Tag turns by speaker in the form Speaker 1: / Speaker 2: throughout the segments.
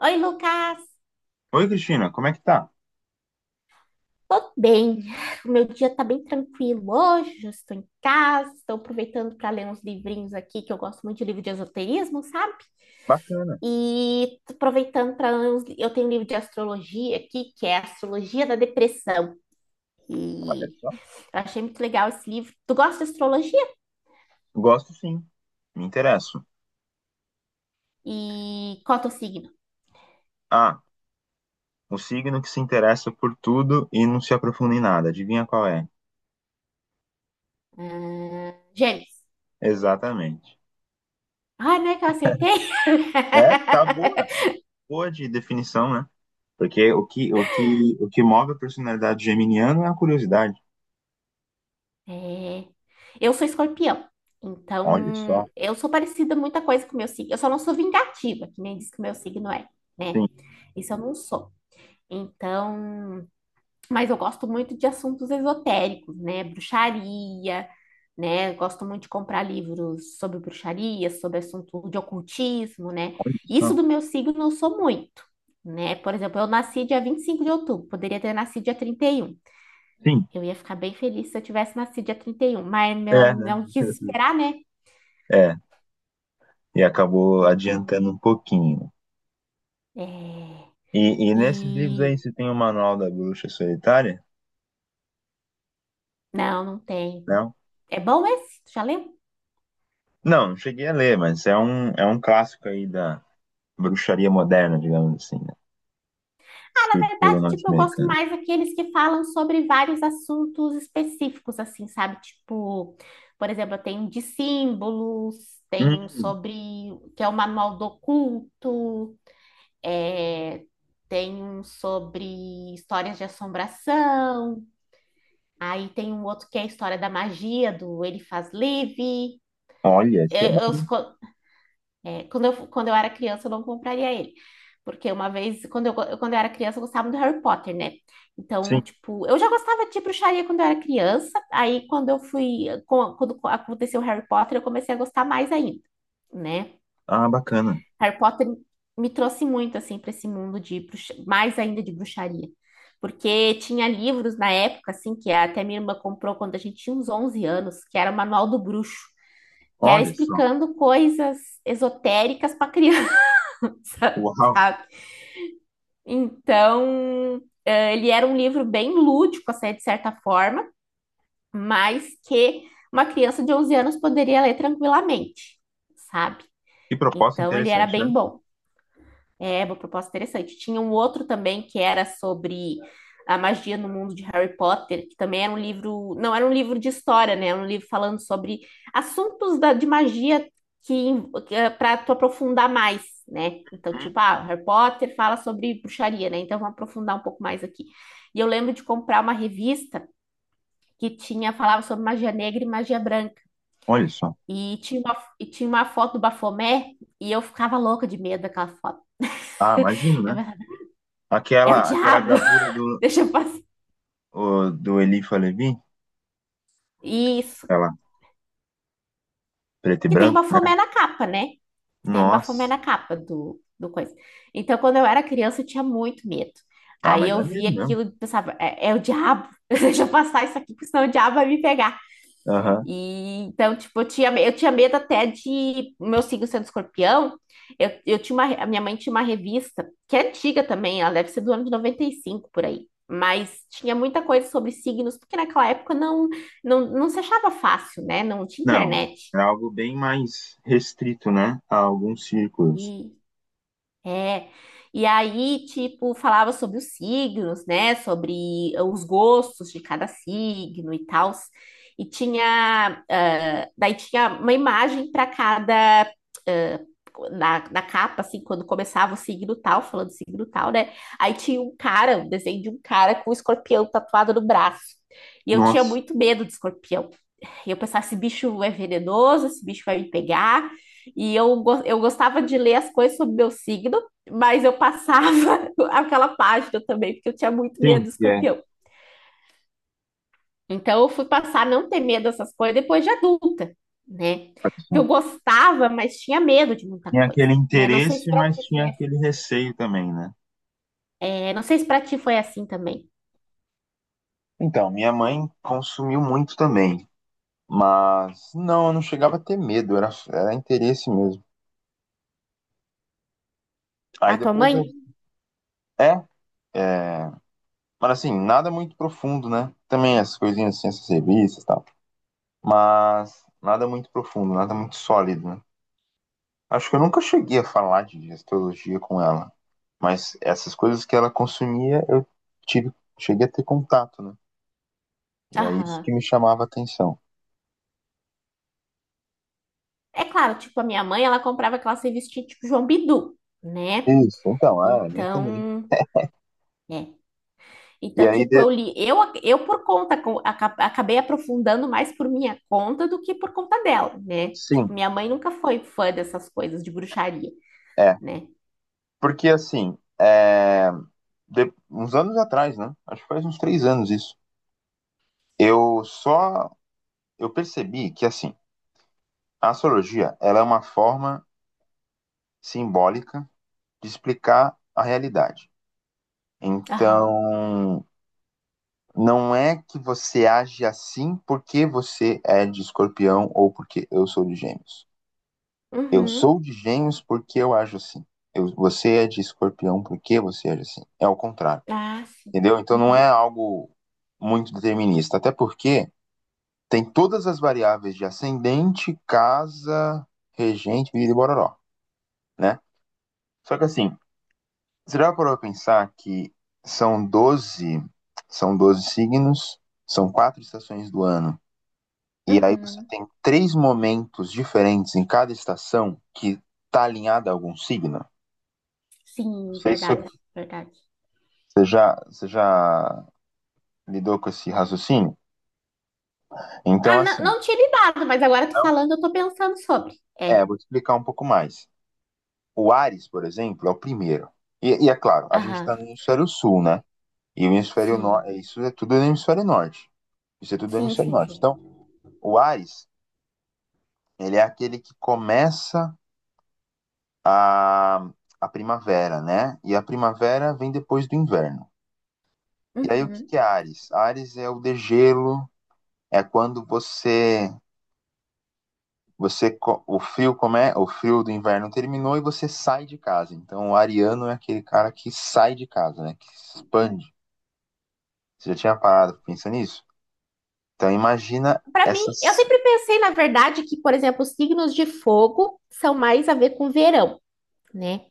Speaker 1: Oi, Lucas.
Speaker 2: Oi, Cristina, como é que tá?
Speaker 1: Tô bem. O meu dia tá bem tranquilo hoje. Já estou em casa, estou aproveitando para ler uns livrinhos aqui, que eu gosto muito de livro de esoterismo, sabe?
Speaker 2: Bacana,
Speaker 1: E tô aproveitando para ler Eu tenho um livro de astrologia aqui, que é Astrologia da Depressão.
Speaker 2: olha
Speaker 1: E
Speaker 2: só.
Speaker 1: eu achei muito legal esse livro. Tu gosta de astrologia?
Speaker 2: Gosto sim, me interesso.
Speaker 1: E qual é o teu signo?
Speaker 2: Ah, o signo que se interessa por tudo e não se aprofunda em nada. Adivinha qual é?
Speaker 1: Ah, Gêmeos.
Speaker 2: Exatamente.
Speaker 1: Ai, não é que eu acertei?
Speaker 2: É, tá boa. Boa de definição, né? Porque o que move a personalidade geminiana é a curiosidade.
Speaker 1: É. Eu sou escorpião,
Speaker 2: Olha
Speaker 1: então
Speaker 2: só.
Speaker 1: eu sou parecida muita coisa com o meu signo. Eu só não sou vingativa, que nem diz que o meu signo é,
Speaker 2: Sim,
Speaker 1: né? Isso eu não sou. Então, mas eu gosto muito de assuntos esotéricos, né? Bruxaria, né? Eu gosto muito de comprar livros sobre bruxaria, sobre assunto de ocultismo, né?
Speaker 2: olha
Speaker 1: Isso
Speaker 2: só.
Speaker 1: do meu signo eu sou muito, né? Por exemplo, eu nasci dia 25 de outubro, poderia ter nascido dia 31.
Speaker 2: Sim,
Speaker 1: Eu ia ficar bem feliz se eu tivesse nascido dia 31, mas meu,
Speaker 2: é, né?
Speaker 1: não quis esperar, né?
Speaker 2: É, e acabou
Speaker 1: Então,
Speaker 2: adiantando um pouquinho.
Speaker 1: é...
Speaker 2: E nesses livros aí,
Speaker 1: E...
Speaker 2: você tem o Manual da Bruxa Solitária?
Speaker 1: Não, não tem.
Speaker 2: Né?
Speaker 1: É bom esse? Tu já lembro.
Speaker 2: Não, não cheguei a ler, mas é um clássico aí da bruxaria moderna, digamos assim, né?
Speaker 1: Na
Speaker 2: Escrito por um
Speaker 1: verdade, tipo, eu gosto
Speaker 2: norte-americano.
Speaker 1: mais daqueles que falam sobre vários assuntos específicos, assim, sabe? Tipo, por exemplo, eu tenho um de símbolos, tem um
Speaker 2: Hum,
Speaker 1: sobre... que é o Manual do Oculto, é... tem um sobre histórias de assombração. Aí tem um outro que é a história da magia, do ele faz livre.
Speaker 2: Olha, esse é
Speaker 1: Eu,
Speaker 2: bom.
Speaker 1: eu- quando eu era criança, eu não compraria ele. Porque uma vez, quando eu era criança, eu gostava do Harry Potter, né?
Speaker 2: Sim,
Speaker 1: Então, tipo, eu já gostava de bruxaria quando eu era criança. Aí, quando aconteceu o Harry Potter, eu comecei a gostar mais ainda, né?
Speaker 2: ah, bacana.
Speaker 1: Harry Potter me trouxe muito assim para esse mundo de mais ainda de bruxaria, porque tinha livros na época assim que até minha irmã comprou quando a gente tinha uns 11 anos, que era o Manual do Bruxo, que era
Speaker 2: Olha só.
Speaker 1: explicando coisas esotéricas para criança,
Speaker 2: Uau,
Speaker 1: sabe? Então, ele era um livro bem lúdico assim, de certa forma, mas que uma criança de 11 anos poderia ler tranquilamente, sabe?
Speaker 2: que proposta
Speaker 1: Então, ele era
Speaker 2: interessante,
Speaker 1: bem
Speaker 2: né?
Speaker 1: bom. É, uma proposta interessante. Tinha um outro também que era sobre a magia no mundo de Harry Potter, que também era um livro, não era um livro de história, né? Era um livro falando sobre assuntos de magia que para tu aprofundar mais, né? Então,
Speaker 2: Hum,
Speaker 1: tipo, ah, Harry Potter fala sobre bruxaria, né? Então, vamos aprofundar um pouco mais aqui. E eu lembro de comprar uma revista que tinha falava sobre magia negra e magia branca.
Speaker 2: Olha só.
Speaker 1: E tinha uma foto do Bafomé, e eu ficava louca de medo daquela foto.
Speaker 2: Ah, imagino,
Speaker 1: Eu
Speaker 2: né?
Speaker 1: pensava, é o
Speaker 2: Aquela
Speaker 1: diabo.
Speaker 2: gravura do,
Speaker 1: Deixa eu passar.
Speaker 2: do Elifa Levi,
Speaker 1: Isso.
Speaker 2: aquela preto e
Speaker 1: Que tem o
Speaker 2: branco, né?
Speaker 1: Bafomé na capa, né? Que tem o Bafomé
Speaker 2: Nossa.
Speaker 1: na capa do coisa. Então, quando eu era criança, eu tinha muito medo.
Speaker 2: Ah,
Speaker 1: Aí
Speaker 2: mas
Speaker 1: eu
Speaker 2: dá medo
Speaker 1: via
Speaker 2: mesmo.
Speaker 1: aquilo e pensava, é, é o diabo. Deixa eu passar isso aqui, porque senão o diabo vai me pegar.
Speaker 2: Aham.
Speaker 1: E, então, tipo, eu tinha medo até de meu signo sendo escorpião. A minha mãe tinha uma revista, que é antiga também, ela deve ser do ano de 95 por aí. Mas tinha muita coisa sobre signos, porque naquela época não se achava fácil, né? Não tinha
Speaker 2: Não,
Speaker 1: internet.
Speaker 2: é algo bem mais restrito, né? A alguns círculos.
Speaker 1: E É. E aí, tipo, falava sobre os signos, né? Sobre os gostos de cada signo e tal. E tinha, ah, daí tinha uma imagem para cada, ah, na capa, assim, quando começava o signo tal, falando signo tal, né? Aí tinha um cara, um desenho de um cara com um escorpião tatuado no braço. E eu tinha
Speaker 2: Nossa.
Speaker 1: muito medo de escorpião. E eu pensava, esse bicho é venenoso, esse bicho vai me pegar. E eu, eu gostava de ler as coisas sobre meu signo, mas eu passava aquela página também, porque eu tinha muito medo
Speaker 2: Sim,
Speaker 1: do
Speaker 2: é.
Speaker 1: escorpião. Então eu fui passar a não ter medo dessas coisas depois de adulta, né? Porque eu
Speaker 2: Satisfação.
Speaker 1: gostava, mas tinha medo de muita
Speaker 2: Tinha
Speaker 1: coisa,
Speaker 2: aquele
Speaker 1: né? Não sei se
Speaker 2: interesse,
Speaker 1: pra
Speaker 2: mas
Speaker 1: ti
Speaker 2: tinha
Speaker 1: foi assim.
Speaker 2: aquele receio também, né?
Speaker 1: É, não sei se pra ti foi assim também.
Speaker 2: Então, minha mãe consumiu muito também. Mas não, eu não chegava a ter medo, era interesse mesmo. Aí
Speaker 1: A tua
Speaker 2: depois
Speaker 1: mãe?
Speaker 2: eu. É, é, mas assim, nada muito profundo, né? Também as coisinhas assim, essas revistas e tal. Mas nada muito profundo, nada muito sólido, né? Acho que eu nunca cheguei a falar de astrologia com ela. Mas essas coisas que ela consumia, eu tive, cheguei a ter contato, né? E é isso que
Speaker 1: Aham.
Speaker 2: me chamava a atenção.
Speaker 1: É claro, tipo, a minha mãe, ela comprava aquelas revistinhas tipo João Bidu, né?
Speaker 2: Isso, então, ah, a minha também.
Speaker 1: Então, é.
Speaker 2: E
Speaker 1: Então,
Speaker 2: aí,
Speaker 1: tipo, eu li, eu por conta, co- aca- acabei aprofundando mais por minha conta do que por conta dela, né?
Speaker 2: sim,
Speaker 1: Tipo, minha mãe nunca foi fã dessas coisas de bruxaria,
Speaker 2: é.
Speaker 1: né?
Speaker 2: Porque assim, é, uns anos atrás, né? Acho que faz uns três anos isso. Eu só eu percebi que assim, a astrologia, ela é uma forma simbólica de explicar a realidade.
Speaker 1: Aham.
Speaker 2: Então, não é que você age assim porque você é de escorpião ou porque eu sou de gêmeos. Eu
Speaker 1: Uhum.
Speaker 2: sou de gêmeos porque eu ajo assim. Você é de escorpião porque você age assim. É ao contrário,
Speaker 1: Ah, sim.
Speaker 2: entendeu? Então não é
Speaker 1: Uhum.
Speaker 2: algo muito determinista. Até porque tem todas as variáveis de ascendente, casa, regente, vida e bororó, né? Só que assim, você já parou pra pensar que são 12, são 12 signos, são quatro estações do ano. E aí você
Speaker 1: Uhum.
Speaker 2: tem três momentos diferentes em cada estação que tá alinhada a algum signo? Não
Speaker 1: Sim,
Speaker 2: sei se eu
Speaker 1: verdade, verdade.
Speaker 2: Você já lidou com esse raciocínio?
Speaker 1: Ah,
Speaker 2: Então,
Speaker 1: não,
Speaker 2: assim,
Speaker 1: não tinha lidado, mas agora tu
Speaker 2: não-
Speaker 1: falando, eu tô pensando sobre.
Speaker 2: é,
Speaker 1: É.
Speaker 2: vou te explicar um pouco mais. O Ares, por exemplo, é o primeiro. E é claro, a gente
Speaker 1: Aham.
Speaker 2: está no hemisfério sul, né? E o hemisfério
Speaker 1: Sim.
Speaker 2: norte, isso é tudo no hemisfério norte. Isso é tudo no
Speaker 1: Sim,
Speaker 2: hemisfério
Speaker 1: sim,
Speaker 2: norte.
Speaker 1: sim.
Speaker 2: Então, o Ares, ele é aquele que começa a, a primavera, né? E a primavera vem depois do inverno. E aí, o que que
Speaker 1: Uhum.
Speaker 2: é Ares? Ares é o degelo, é quando você. Você o frio como é, o frio do inverno terminou e você sai de casa. Então o ariano é aquele cara que sai de casa, né? Que expande. Você já tinha parado pra nisso? Então imagina
Speaker 1: Para mim, eu
Speaker 2: essas.
Speaker 1: sempre pensei, na verdade, que, por exemplo, os signos de fogo são mais a ver com verão, né?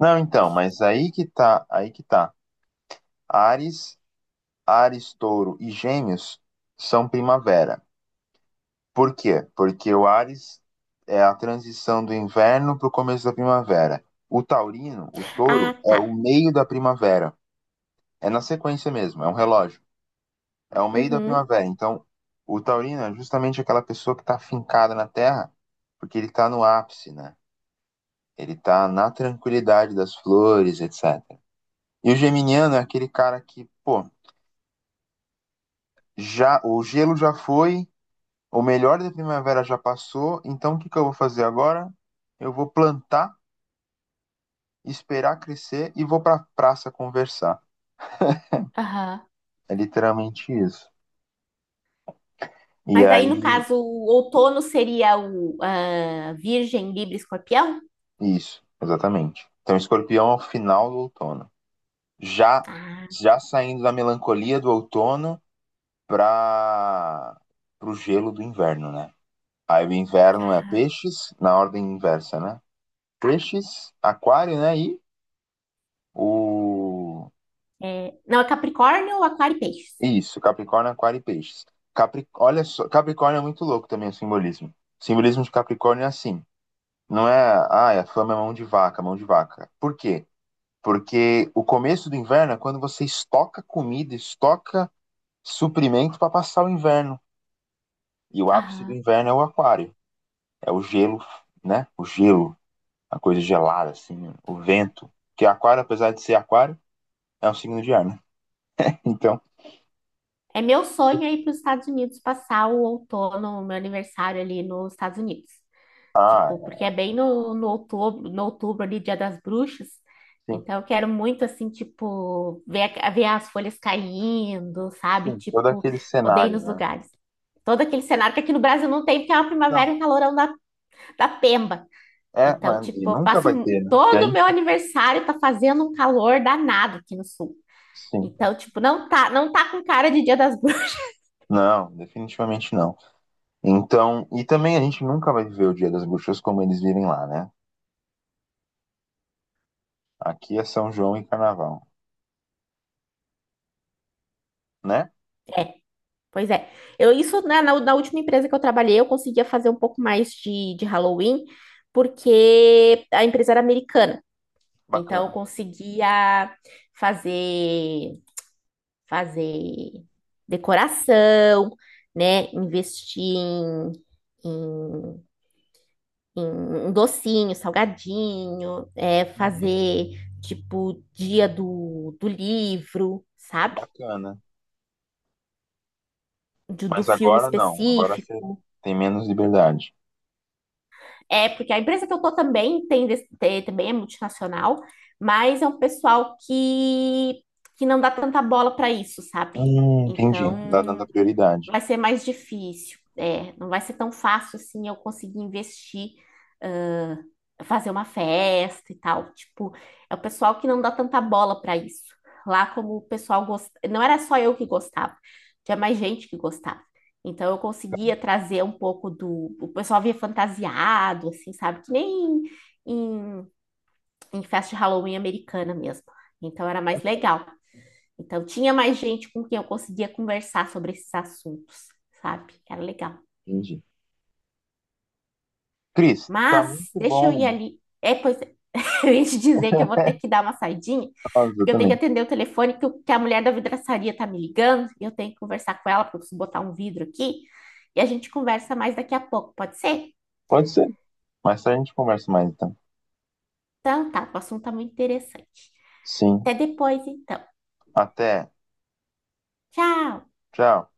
Speaker 2: Não, então, mas aí que tá, aí que tá. Ares, Ares, Touro e Gêmeos são primavera. Por quê? Porque o Ares é a transição do inverno para o começo da primavera. O taurino, o
Speaker 1: Ah,
Speaker 2: touro, é o
Speaker 1: tá.
Speaker 2: meio da primavera. É na sequência mesmo, é um relógio. É o meio da
Speaker 1: Uhum.
Speaker 2: primavera. Então, o taurino é justamente aquela pessoa que está fincada na terra, porque ele está no ápice, né? Ele está na tranquilidade das flores, etc. E o geminiano é aquele cara que, pô, já o gelo já foi, o melhor da primavera já passou, então o que que eu vou fazer agora? Eu vou plantar, esperar crescer e vou para praça conversar.
Speaker 1: Aham.
Speaker 2: É literalmente isso. E
Speaker 1: Mas aí, no
Speaker 2: aí,
Speaker 1: caso, o outono seria o ah, Virgem, Libra, e Escorpião?
Speaker 2: isso, exatamente. Então, escorpião é o final do outono. já
Speaker 1: Ah,
Speaker 2: já saindo da melancolia do outono para o gelo do inverno, né? Aí o inverno é
Speaker 1: Ai,
Speaker 2: peixes, na ordem inversa, né? Peixes, aquário, né? E o.
Speaker 1: Não, é Capricórnio, Aquário e Peixes.
Speaker 2: Isso, Capricórnio, Aquário e Peixes. Capri... Olha só, Capricórnio é muito louco também o simbolismo. O simbolismo de Capricórnio é assim. Não é, ah, a fama é mão de vaca. Por quê? Porque o começo do inverno é quando você estoca comida, estoca suprimento para passar o inverno. E o ápice do
Speaker 1: Aham.
Speaker 2: inverno é o aquário. É o gelo, né? O gelo, a coisa gelada, assim, o vento. Porque aquário, apesar de ser aquário, é um signo de ar, né? Então,
Speaker 1: É meu sonho é ir para os Estados Unidos passar o outono, o meu aniversário ali nos Estados Unidos.
Speaker 2: ah,
Speaker 1: Tipo, porque é bem no outubro, no outubro ali, Dia das Bruxas.
Speaker 2: sim,
Speaker 1: Então, eu quero muito, assim, tipo, ver, ver as folhas caindo, sabe?
Speaker 2: sim, todo
Speaker 1: Tipo,
Speaker 2: aquele
Speaker 1: poder ir
Speaker 2: cenário,
Speaker 1: nos
Speaker 2: né?
Speaker 1: lugares. Todo aquele cenário que aqui no Brasil não tem, porque é uma primavera
Speaker 2: Não,
Speaker 1: e um calorão da, da pemba.
Speaker 2: é,
Speaker 1: Então,
Speaker 2: mas e
Speaker 1: tipo, eu
Speaker 2: nunca
Speaker 1: passo
Speaker 2: vai ter, né? Porque a
Speaker 1: todo o meu
Speaker 2: gente,
Speaker 1: aniversário tá fazendo um calor danado aqui no sul.
Speaker 2: sim.
Speaker 1: Então, tipo, não tá com cara de Dia das Bruxas.
Speaker 2: Não, definitivamente não. Então, e também a gente nunca vai viver o Dia das Bruxas como eles vivem lá, né? Aqui é São João e Carnaval, né?
Speaker 1: Pois é. Eu, isso, né, na última empresa que eu trabalhei, eu conseguia fazer um pouco mais de Halloween, porque a empresa era americana. Então, eu
Speaker 2: Bacana.
Speaker 1: conseguia fazer, fazer decoração, né, investir em, em um docinho, salgadinho, é,
Speaker 2: Uhum.
Speaker 1: fazer, tipo, dia do livro, sabe?
Speaker 2: Bacana.
Speaker 1: Do
Speaker 2: Mas
Speaker 1: filme
Speaker 2: agora não, agora
Speaker 1: específico.
Speaker 2: você tem menos liberdade.
Speaker 1: É, porque a empresa que eu tô também também é multinacional, mas é um pessoal que não dá tanta bola para isso, sabe?
Speaker 2: Entendi. Tá dando a
Speaker 1: Então,
Speaker 2: prioridade.
Speaker 1: vai ser mais difícil, é, não vai ser tão fácil assim eu conseguir investir, ah, fazer uma festa e tal. Tipo, é o pessoal que não dá tanta bola para isso. Lá, como o pessoal gostava, não era só eu que gostava, tinha mais gente que gostava. Então, eu conseguia trazer um pouco do. O pessoal via fantasiado, assim, sabe? Que nem em, em festa de Halloween americana mesmo. Então, era mais legal. Então, tinha mais gente com quem eu conseguia conversar sobre esses assuntos, sabe? Era legal.
Speaker 2: Entendi. Cris, tá
Speaker 1: Mas,
Speaker 2: muito
Speaker 1: deixa eu
Speaker 2: bom.
Speaker 1: ir ali. É, pois, é, eu ia te dizer que eu vou ter que dar uma saidinha,
Speaker 2: Nossa, eu
Speaker 1: porque eu tenho que
Speaker 2: também.
Speaker 1: atender o telefone que a mulher da vidraçaria tá me ligando, e eu tenho que conversar com ela, porque eu preciso botar um vidro aqui, e a gente conversa mais daqui a pouco, pode ser?
Speaker 2: Pode ser. Mais tarde a gente conversa mais, então.
Speaker 1: Então, tá, o assunto tá muito interessante.
Speaker 2: Sim.
Speaker 1: Até depois, então.
Speaker 2: Até.
Speaker 1: Tchau!
Speaker 2: Tchau.